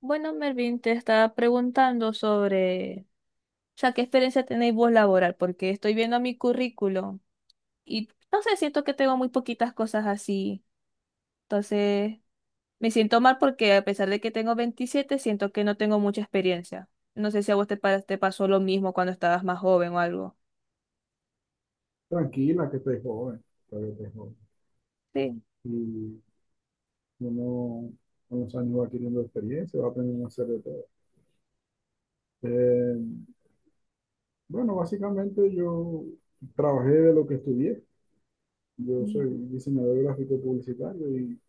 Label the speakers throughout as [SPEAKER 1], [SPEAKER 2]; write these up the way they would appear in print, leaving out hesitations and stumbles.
[SPEAKER 1] Bueno, Mervin, te estaba preguntando sobre, o sea, ¿qué experiencia tenéis vos laboral? Porque estoy viendo mi currículum y no sé, siento que tengo muy poquitas cosas así. Entonces, me siento mal porque a pesar de que tengo 27 siento que no tengo mucha experiencia. No sé si a vos te pasó lo mismo cuando estabas más joven o algo.
[SPEAKER 2] Tranquila, que te joven, todavía te joven.
[SPEAKER 1] Sí.
[SPEAKER 2] Y uno con los años va adquiriendo experiencia, va aprendiendo a hacer de todo. Eh, bueno, básicamente yo trabajé de lo que estudié. Yo soy
[SPEAKER 1] Mm.
[SPEAKER 2] diseñador gráfico publicitario y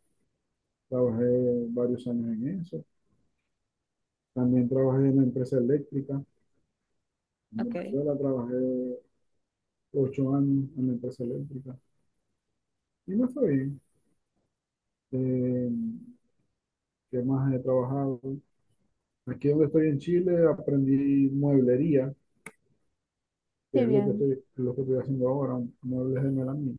[SPEAKER 2] trabajé varios años en eso. También trabajé en la empresa eléctrica. En
[SPEAKER 1] Ok.
[SPEAKER 2] Venezuela trabajé 8 años en la empresa eléctrica y me fue bien. Eh, ¿Qué más he trabajado? Aquí donde estoy en Chile aprendí mueblería que
[SPEAKER 1] Sí,
[SPEAKER 2] es
[SPEAKER 1] bien.
[SPEAKER 2] lo que estoy haciendo ahora, muebles de melamina.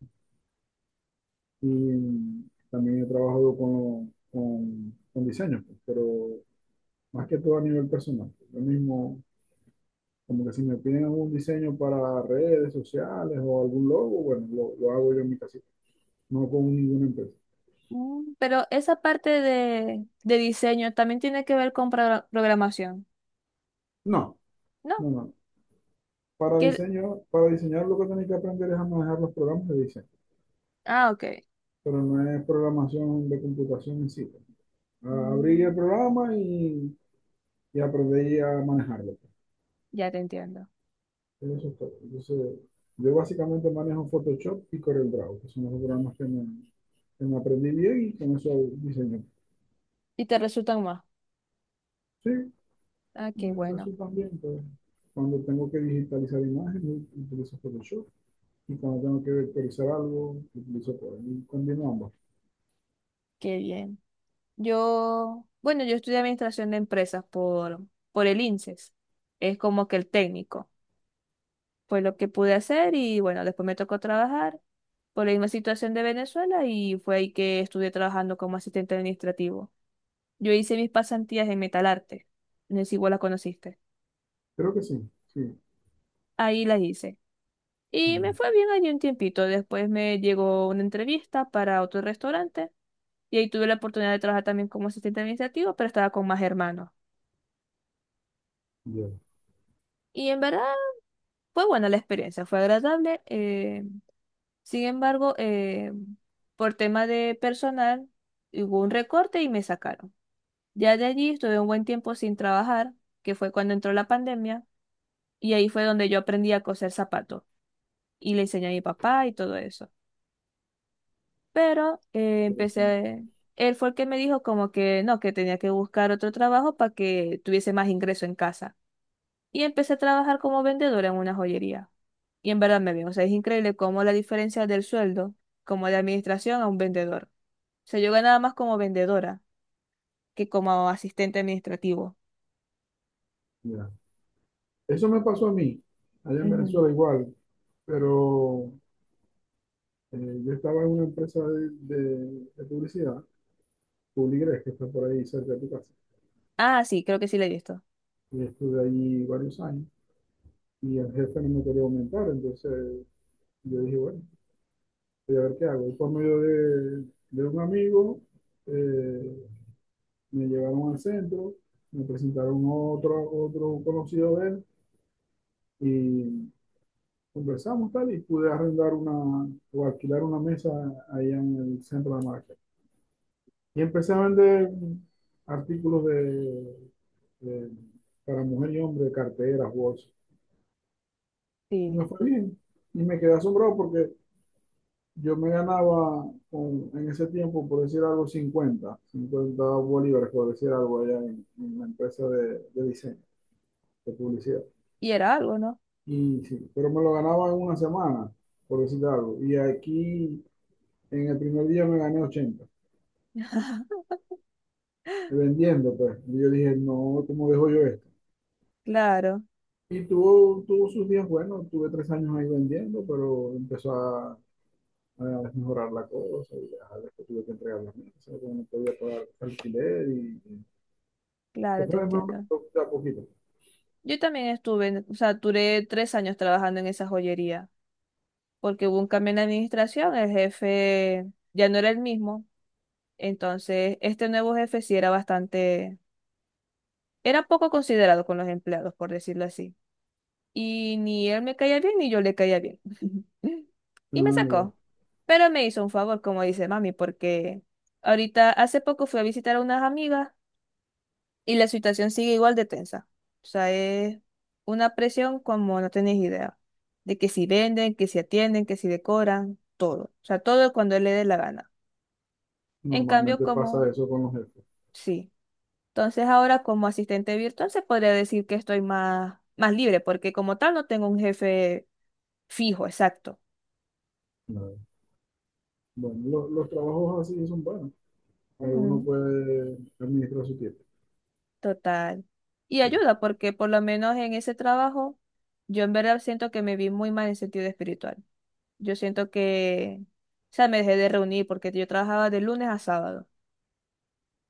[SPEAKER 2] Y también he trabajado con diseños, pues, pero más que todo a nivel personal. Lo mismo, como que si me piden algún diseño para redes sociales o algún logo, bueno, lo hago yo en mi casita, no con ninguna empresa.
[SPEAKER 1] Mm. Pero esa parte de diseño también tiene que ver con programación,
[SPEAKER 2] No,
[SPEAKER 1] ¿no?
[SPEAKER 2] no, no. Para
[SPEAKER 1] Que-
[SPEAKER 2] diseño, para diseñar lo que tenéis que aprender es a manejar los programas de diseño,
[SPEAKER 1] Ah, ok.
[SPEAKER 2] pero no es programación de computación en sí. Abrir el
[SPEAKER 1] Mm.
[SPEAKER 2] programa y aprender a manejarlo.
[SPEAKER 1] Ya te entiendo.
[SPEAKER 2] En eso estoy. Entonces, yo básicamente manejo Photoshop y CorelDRAW, que son los programas que me aprendí bien y con eso diseño.
[SPEAKER 1] Y te resultan más.
[SPEAKER 2] Sí,
[SPEAKER 1] Ah, qué
[SPEAKER 2] me
[SPEAKER 1] bueno,
[SPEAKER 2] resultan bien, pues. Cuando tengo que digitalizar imágenes, utilizo Photoshop. Y cuando tengo que vectorizar algo, utilizo Corel. Y combino ambos.
[SPEAKER 1] qué bien. Yo, bueno, yo estudié administración de empresas por el INSES. Es como que el técnico. Fue lo que pude hacer y bueno, después me tocó trabajar por la misma situación de Venezuela y fue ahí que estuve trabajando como asistente administrativo. Yo hice mis pasantías en Metalarte. No sé si vos las conociste.
[SPEAKER 2] Creo que sí, sí.
[SPEAKER 1] Ahí las hice. Y me
[SPEAKER 2] Bien,
[SPEAKER 1] fue bien allí un tiempito. Después me llegó una entrevista para otro restaurante. Y ahí tuve la oportunidad de trabajar también como asistente administrativo, pero estaba con más hermanos.
[SPEAKER 2] bien,
[SPEAKER 1] Y en verdad fue buena la experiencia, fue agradable. Sin embargo, por tema de personal, hubo un recorte y me sacaron. Ya de allí estuve un buen tiempo sin trabajar, que fue cuando entró la pandemia, y ahí fue donde yo aprendí a coser zapatos y le enseñé a mi papá y todo eso. Pero
[SPEAKER 2] interesante.
[SPEAKER 1] él fue el que me dijo como que no, que tenía que buscar otro trabajo para que tuviese más ingreso en casa. Y empecé a trabajar como vendedora en una joyería. Y en verdad me vino, o sea, es increíble cómo la diferencia del sueldo, como de administración a un vendedor. O sea, yo ganaba más como vendedora que como asistente administrativo.
[SPEAKER 2] Ya. Eso me pasó a mí, allá en
[SPEAKER 1] Ujú.
[SPEAKER 2] Venezuela igual, pero yo estaba en una empresa de publicidad, Publigres, que está por ahí cerca de tu casa.
[SPEAKER 1] Ah, sí, creo que sí le he visto.
[SPEAKER 2] Y estuve allí varios años y el jefe no me quería aumentar, entonces yo dije, bueno, voy a ver qué hago. Y por medio de un amigo eh, me llevaron al centro, me presentaron otro, otro conocido de él y conversamos tal y pude arrendar una o alquilar una mesa allá en el centro de market. Y empecé a vender artículos de- para mujer y hombre, carteras, bolsas. Y me
[SPEAKER 1] Sí.
[SPEAKER 2] fue bien. Y me quedé asombrado porque yo me ganaba en ese tiempo, por decir algo, cincuenta bolívares, por decir algo, allá en la empresa de diseño, de publicidad.
[SPEAKER 1] Y era algo, ¿no?
[SPEAKER 2] Y sí, pero me lo ganaba en una semana, por decir algo. Y aquí, en el primer día, me gané 80 vendiendo, pues. Y yo dije, no, ¿cómo dejo yo esto?
[SPEAKER 1] Claro,
[SPEAKER 2] Y tuvo sus días buenos, tuve 3 años ahí vendiendo, pero empezó a mejorar la cosa. Y ya, después tuve que entregar las mesas, porque no podía pagar alquiler. Y se
[SPEAKER 1] claro, te
[SPEAKER 2] fue de nuevo,
[SPEAKER 1] entiendo.
[SPEAKER 2] pero de a poquito.
[SPEAKER 1] Yo también estuve, o sea, duré 3 años trabajando en esa joyería, porque hubo un cambio en la administración, el jefe ya no era el mismo, entonces este nuevo jefe sí era bastante. Era poco considerado con los empleados, por decirlo así. Y ni él me caía bien, ni yo le caía bien. Y me
[SPEAKER 2] Ah, ya.
[SPEAKER 1] sacó. Pero me hizo un favor, como dice mami, porque ahorita hace poco fui a visitar a unas amigas y la situación sigue igual de tensa. O sea, es una presión como no tenés idea. De que si venden, que si atienden, que si decoran, todo. O sea, todo cuando él le dé la gana. En cambio,
[SPEAKER 2] Normalmente pasa
[SPEAKER 1] como,
[SPEAKER 2] eso con los jefes.
[SPEAKER 1] sí. Entonces ahora como asistente virtual se podría decir que estoy más, más libre, porque como tal no tengo un jefe fijo, exacto.
[SPEAKER 2] No. Bueno, los trabajos así son buenos. Que uno
[SPEAKER 1] Ujú.
[SPEAKER 2] puede administrar su tiempo.
[SPEAKER 1] Total. Y
[SPEAKER 2] Sí.
[SPEAKER 1] ayuda, porque por lo menos en ese trabajo yo en verdad siento que me vi muy mal en sentido espiritual. Yo siento que, o sea, me dejé de reunir porque yo trabajaba de lunes a sábado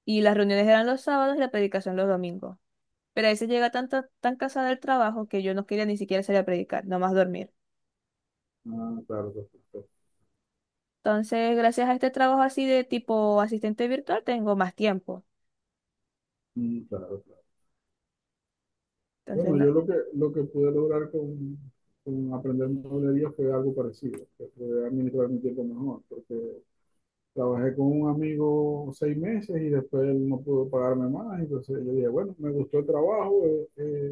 [SPEAKER 1] y las reuniones eran los sábados y la predicación los domingos. Pero a veces llega tanto, tan cansada del trabajo que yo no quería ni siquiera salir a predicar, nomás dormir.
[SPEAKER 2] Ah, claro, perfecto.
[SPEAKER 1] Entonces, gracias a este trabajo así de tipo asistente virtual, tengo más tiempo.
[SPEAKER 2] Mm, claro.
[SPEAKER 1] Entonces,
[SPEAKER 2] Bueno, yo lo que pude lograr con aprender mueblería fue algo parecido, que fue administrar mi tiempo mejor, porque trabajé con un amigo 6 meses y después él no pudo pagarme más, entonces yo dije, bueno, me gustó el trabajo,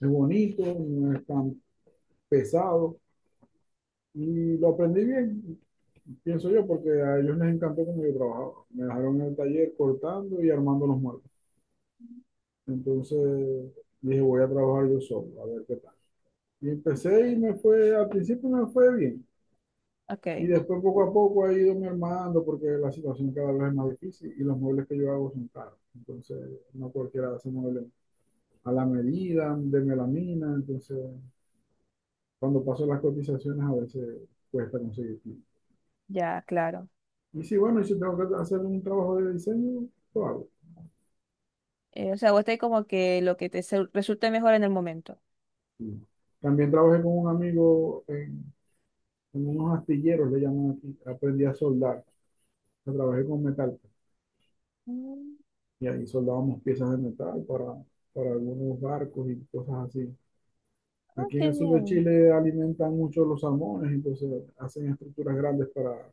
[SPEAKER 2] es bonito, no es tan pesado. Y lo aprendí bien, pienso yo, porque a ellos les encantó cómo yo trabajaba. Me dejaron en el taller cortando y armando los muebles. Entonces dije, voy a trabajar yo solo, a ver qué tal. Y empecé y me fue, al principio me fue bien. Y
[SPEAKER 1] ok,
[SPEAKER 2] después poco a poco ha ido me armando porque la situación cada vez es más difícil y los muebles que yo hago son caros. Entonces, no cualquiera hace muebles a la medida, de melamina. Entonces, cuando paso las cotizaciones a veces cuesta conseguir.
[SPEAKER 1] ya, claro.
[SPEAKER 2] Y sí, bueno, y si tengo que hacer un trabajo de diseño, lo hago.
[SPEAKER 1] O sea, vos tenés como que lo que te resulte mejor en el momento.
[SPEAKER 2] Sí. También trabajé con un amigo en unos astilleros, le llaman aquí. Aprendí a soldar. O sea, trabajé con metal.
[SPEAKER 1] Mm,
[SPEAKER 2] Y ahí soldábamos piezas de metal para algunos barcos y cosas así.
[SPEAKER 1] ah,
[SPEAKER 2] Aquí en
[SPEAKER 1] qué
[SPEAKER 2] el sur de
[SPEAKER 1] bien.
[SPEAKER 2] Chile alimentan mucho los salmones, entonces hacen estructuras grandes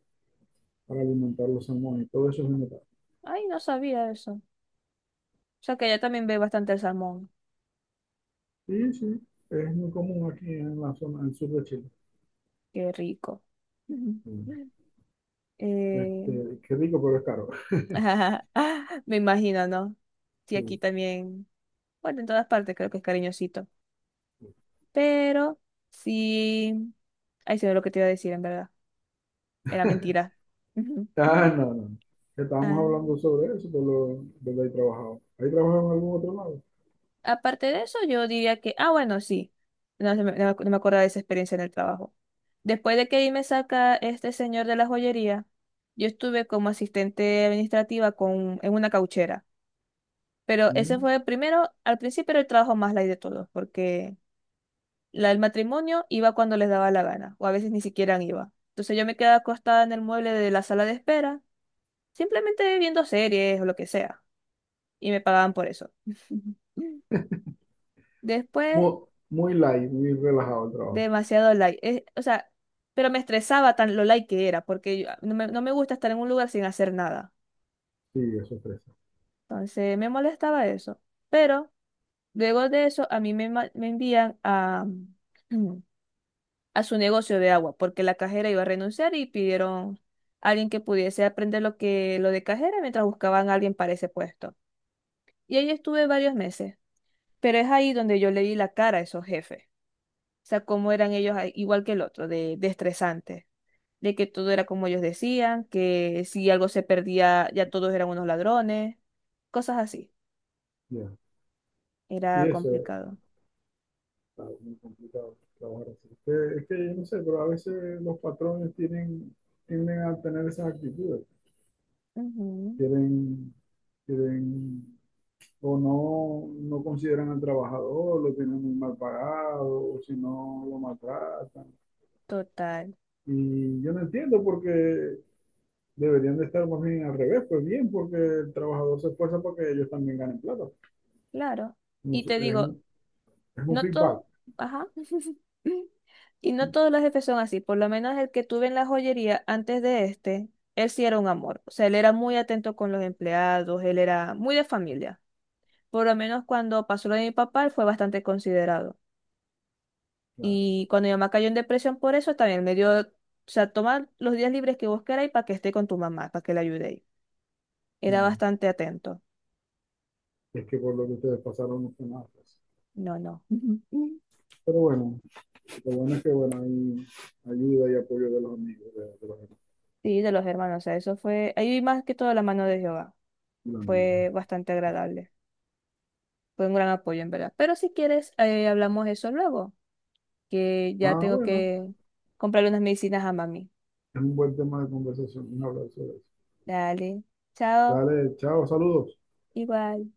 [SPEAKER 2] para alimentar los salmones. Y todo eso es de metal.
[SPEAKER 1] Ay, no sabía eso. O sea, que allá también ve bastante el salmón.
[SPEAKER 2] Sí, sí. Es muy común aquí en la zona del sur de Chile.
[SPEAKER 1] Qué rico. Ujú.
[SPEAKER 2] Sí.
[SPEAKER 1] Eh,
[SPEAKER 2] Este, qué rico, pero es caro.
[SPEAKER 1] me imagino, ¿no? Sí, aquí
[SPEAKER 2] Sí.
[SPEAKER 1] también. Bueno, en todas partes creo que es cariñosito. Pero sí. Ay, se ve lo que te iba a decir, en verdad. Era mentira.
[SPEAKER 2] Ah, no, no. Estábamos
[SPEAKER 1] Ah,
[SPEAKER 2] hablando sobre eso, de lo que he trabajado. ¿Hay trabajado en algún otro lado?
[SPEAKER 1] aparte de eso, yo diría que, ah, bueno, sí, no, no me acuerdo de esa experiencia en el trabajo. Después de que ahí me saca este señor de la joyería, yo estuve como asistente administrativa con, en una cauchera. Pero ese
[SPEAKER 2] Mm.
[SPEAKER 1] fue el primero, al principio era el trabajo más light de todos, porque la del matrimonio iba cuando les daba la gana, o a veces ni siquiera iba. Entonces yo me quedaba acostada en el mueble de la sala de espera, simplemente viendo series o lo que sea, y me pagaban por eso. Después
[SPEAKER 2] Muy, muy light, muy relajado el trabajo.
[SPEAKER 1] demasiado like. O sea, pero me estresaba tan lo like que era, porque ah, no me gusta estar en un lugar sin hacer nada.
[SPEAKER 2] Sí, eso es fresa.
[SPEAKER 1] Entonces me molestaba eso. Pero luego de eso, a mí me envían a, a su negocio de agua, porque la cajera iba a renunciar y pidieron a alguien que pudiese aprender lo que lo de cajera mientras buscaban a alguien para ese puesto. Y ahí estuve varios meses, pero es ahí donde yo le di la cara a esos jefes. O sea, cómo eran ellos, ahí, igual que el otro, de estresante, de que todo era como ellos decían, que si algo se perdía ya todos eran unos ladrones, cosas así.
[SPEAKER 2] Ya. Y
[SPEAKER 1] Era
[SPEAKER 2] eso es
[SPEAKER 1] complicado.
[SPEAKER 2] claro, muy complicado, trabajar así. Es que yo no sé, pero a veces los patrones tienen, tienden a tener esas actitudes.
[SPEAKER 1] Ujú.
[SPEAKER 2] Quieren, quieren, o no consideran al trabajador, lo tienen muy mal pagado, o si no, lo maltratan.
[SPEAKER 1] Total.
[SPEAKER 2] Y yo no entiendo porque deberían de estar más bien al revés, pues bien, porque el trabajador se esfuerza porque ellos también ganen plata.
[SPEAKER 1] Claro.
[SPEAKER 2] No
[SPEAKER 1] Y
[SPEAKER 2] sé,
[SPEAKER 1] te digo,
[SPEAKER 2] es un
[SPEAKER 1] no
[SPEAKER 2] feedback.
[SPEAKER 1] todo, ajá. Y no todos los jefes son así, por lo menos el que tuve en la joyería antes de este, él sí era un amor, o sea, él era muy atento con los empleados, él era muy de familia. Por lo menos cuando pasó lo de mi papá, él fue bastante considerado.
[SPEAKER 2] Claro.
[SPEAKER 1] Y cuando mi mamá cayó en depresión por eso, también me dio, o sea, toma los días libres que vos queráis para que esté con tu mamá, para que la ayudéis. Era
[SPEAKER 2] No,
[SPEAKER 1] bastante atento.
[SPEAKER 2] es que por lo que ustedes pasaron no fue nada, pues.
[SPEAKER 1] No, no.
[SPEAKER 2] Pero bueno, lo bueno es que bueno, hay ayuda y apoyo de los amigos.
[SPEAKER 1] Sí, de los hermanos, o sea, eso fue, ahí más que todo la mano de Jehová.
[SPEAKER 2] De los amigos.
[SPEAKER 1] Fue bastante agradable. Fue un gran apoyo, en verdad. Pero si quieres, hablamos eso luego, que ya
[SPEAKER 2] Ah,
[SPEAKER 1] tengo
[SPEAKER 2] bueno,
[SPEAKER 1] que comprarle unas medicinas a mami.
[SPEAKER 2] es un buen tema de conversación. Un abrazo.
[SPEAKER 1] Dale. Chao.
[SPEAKER 2] Dale, chao, saludos.
[SPEAKER 1] Igual.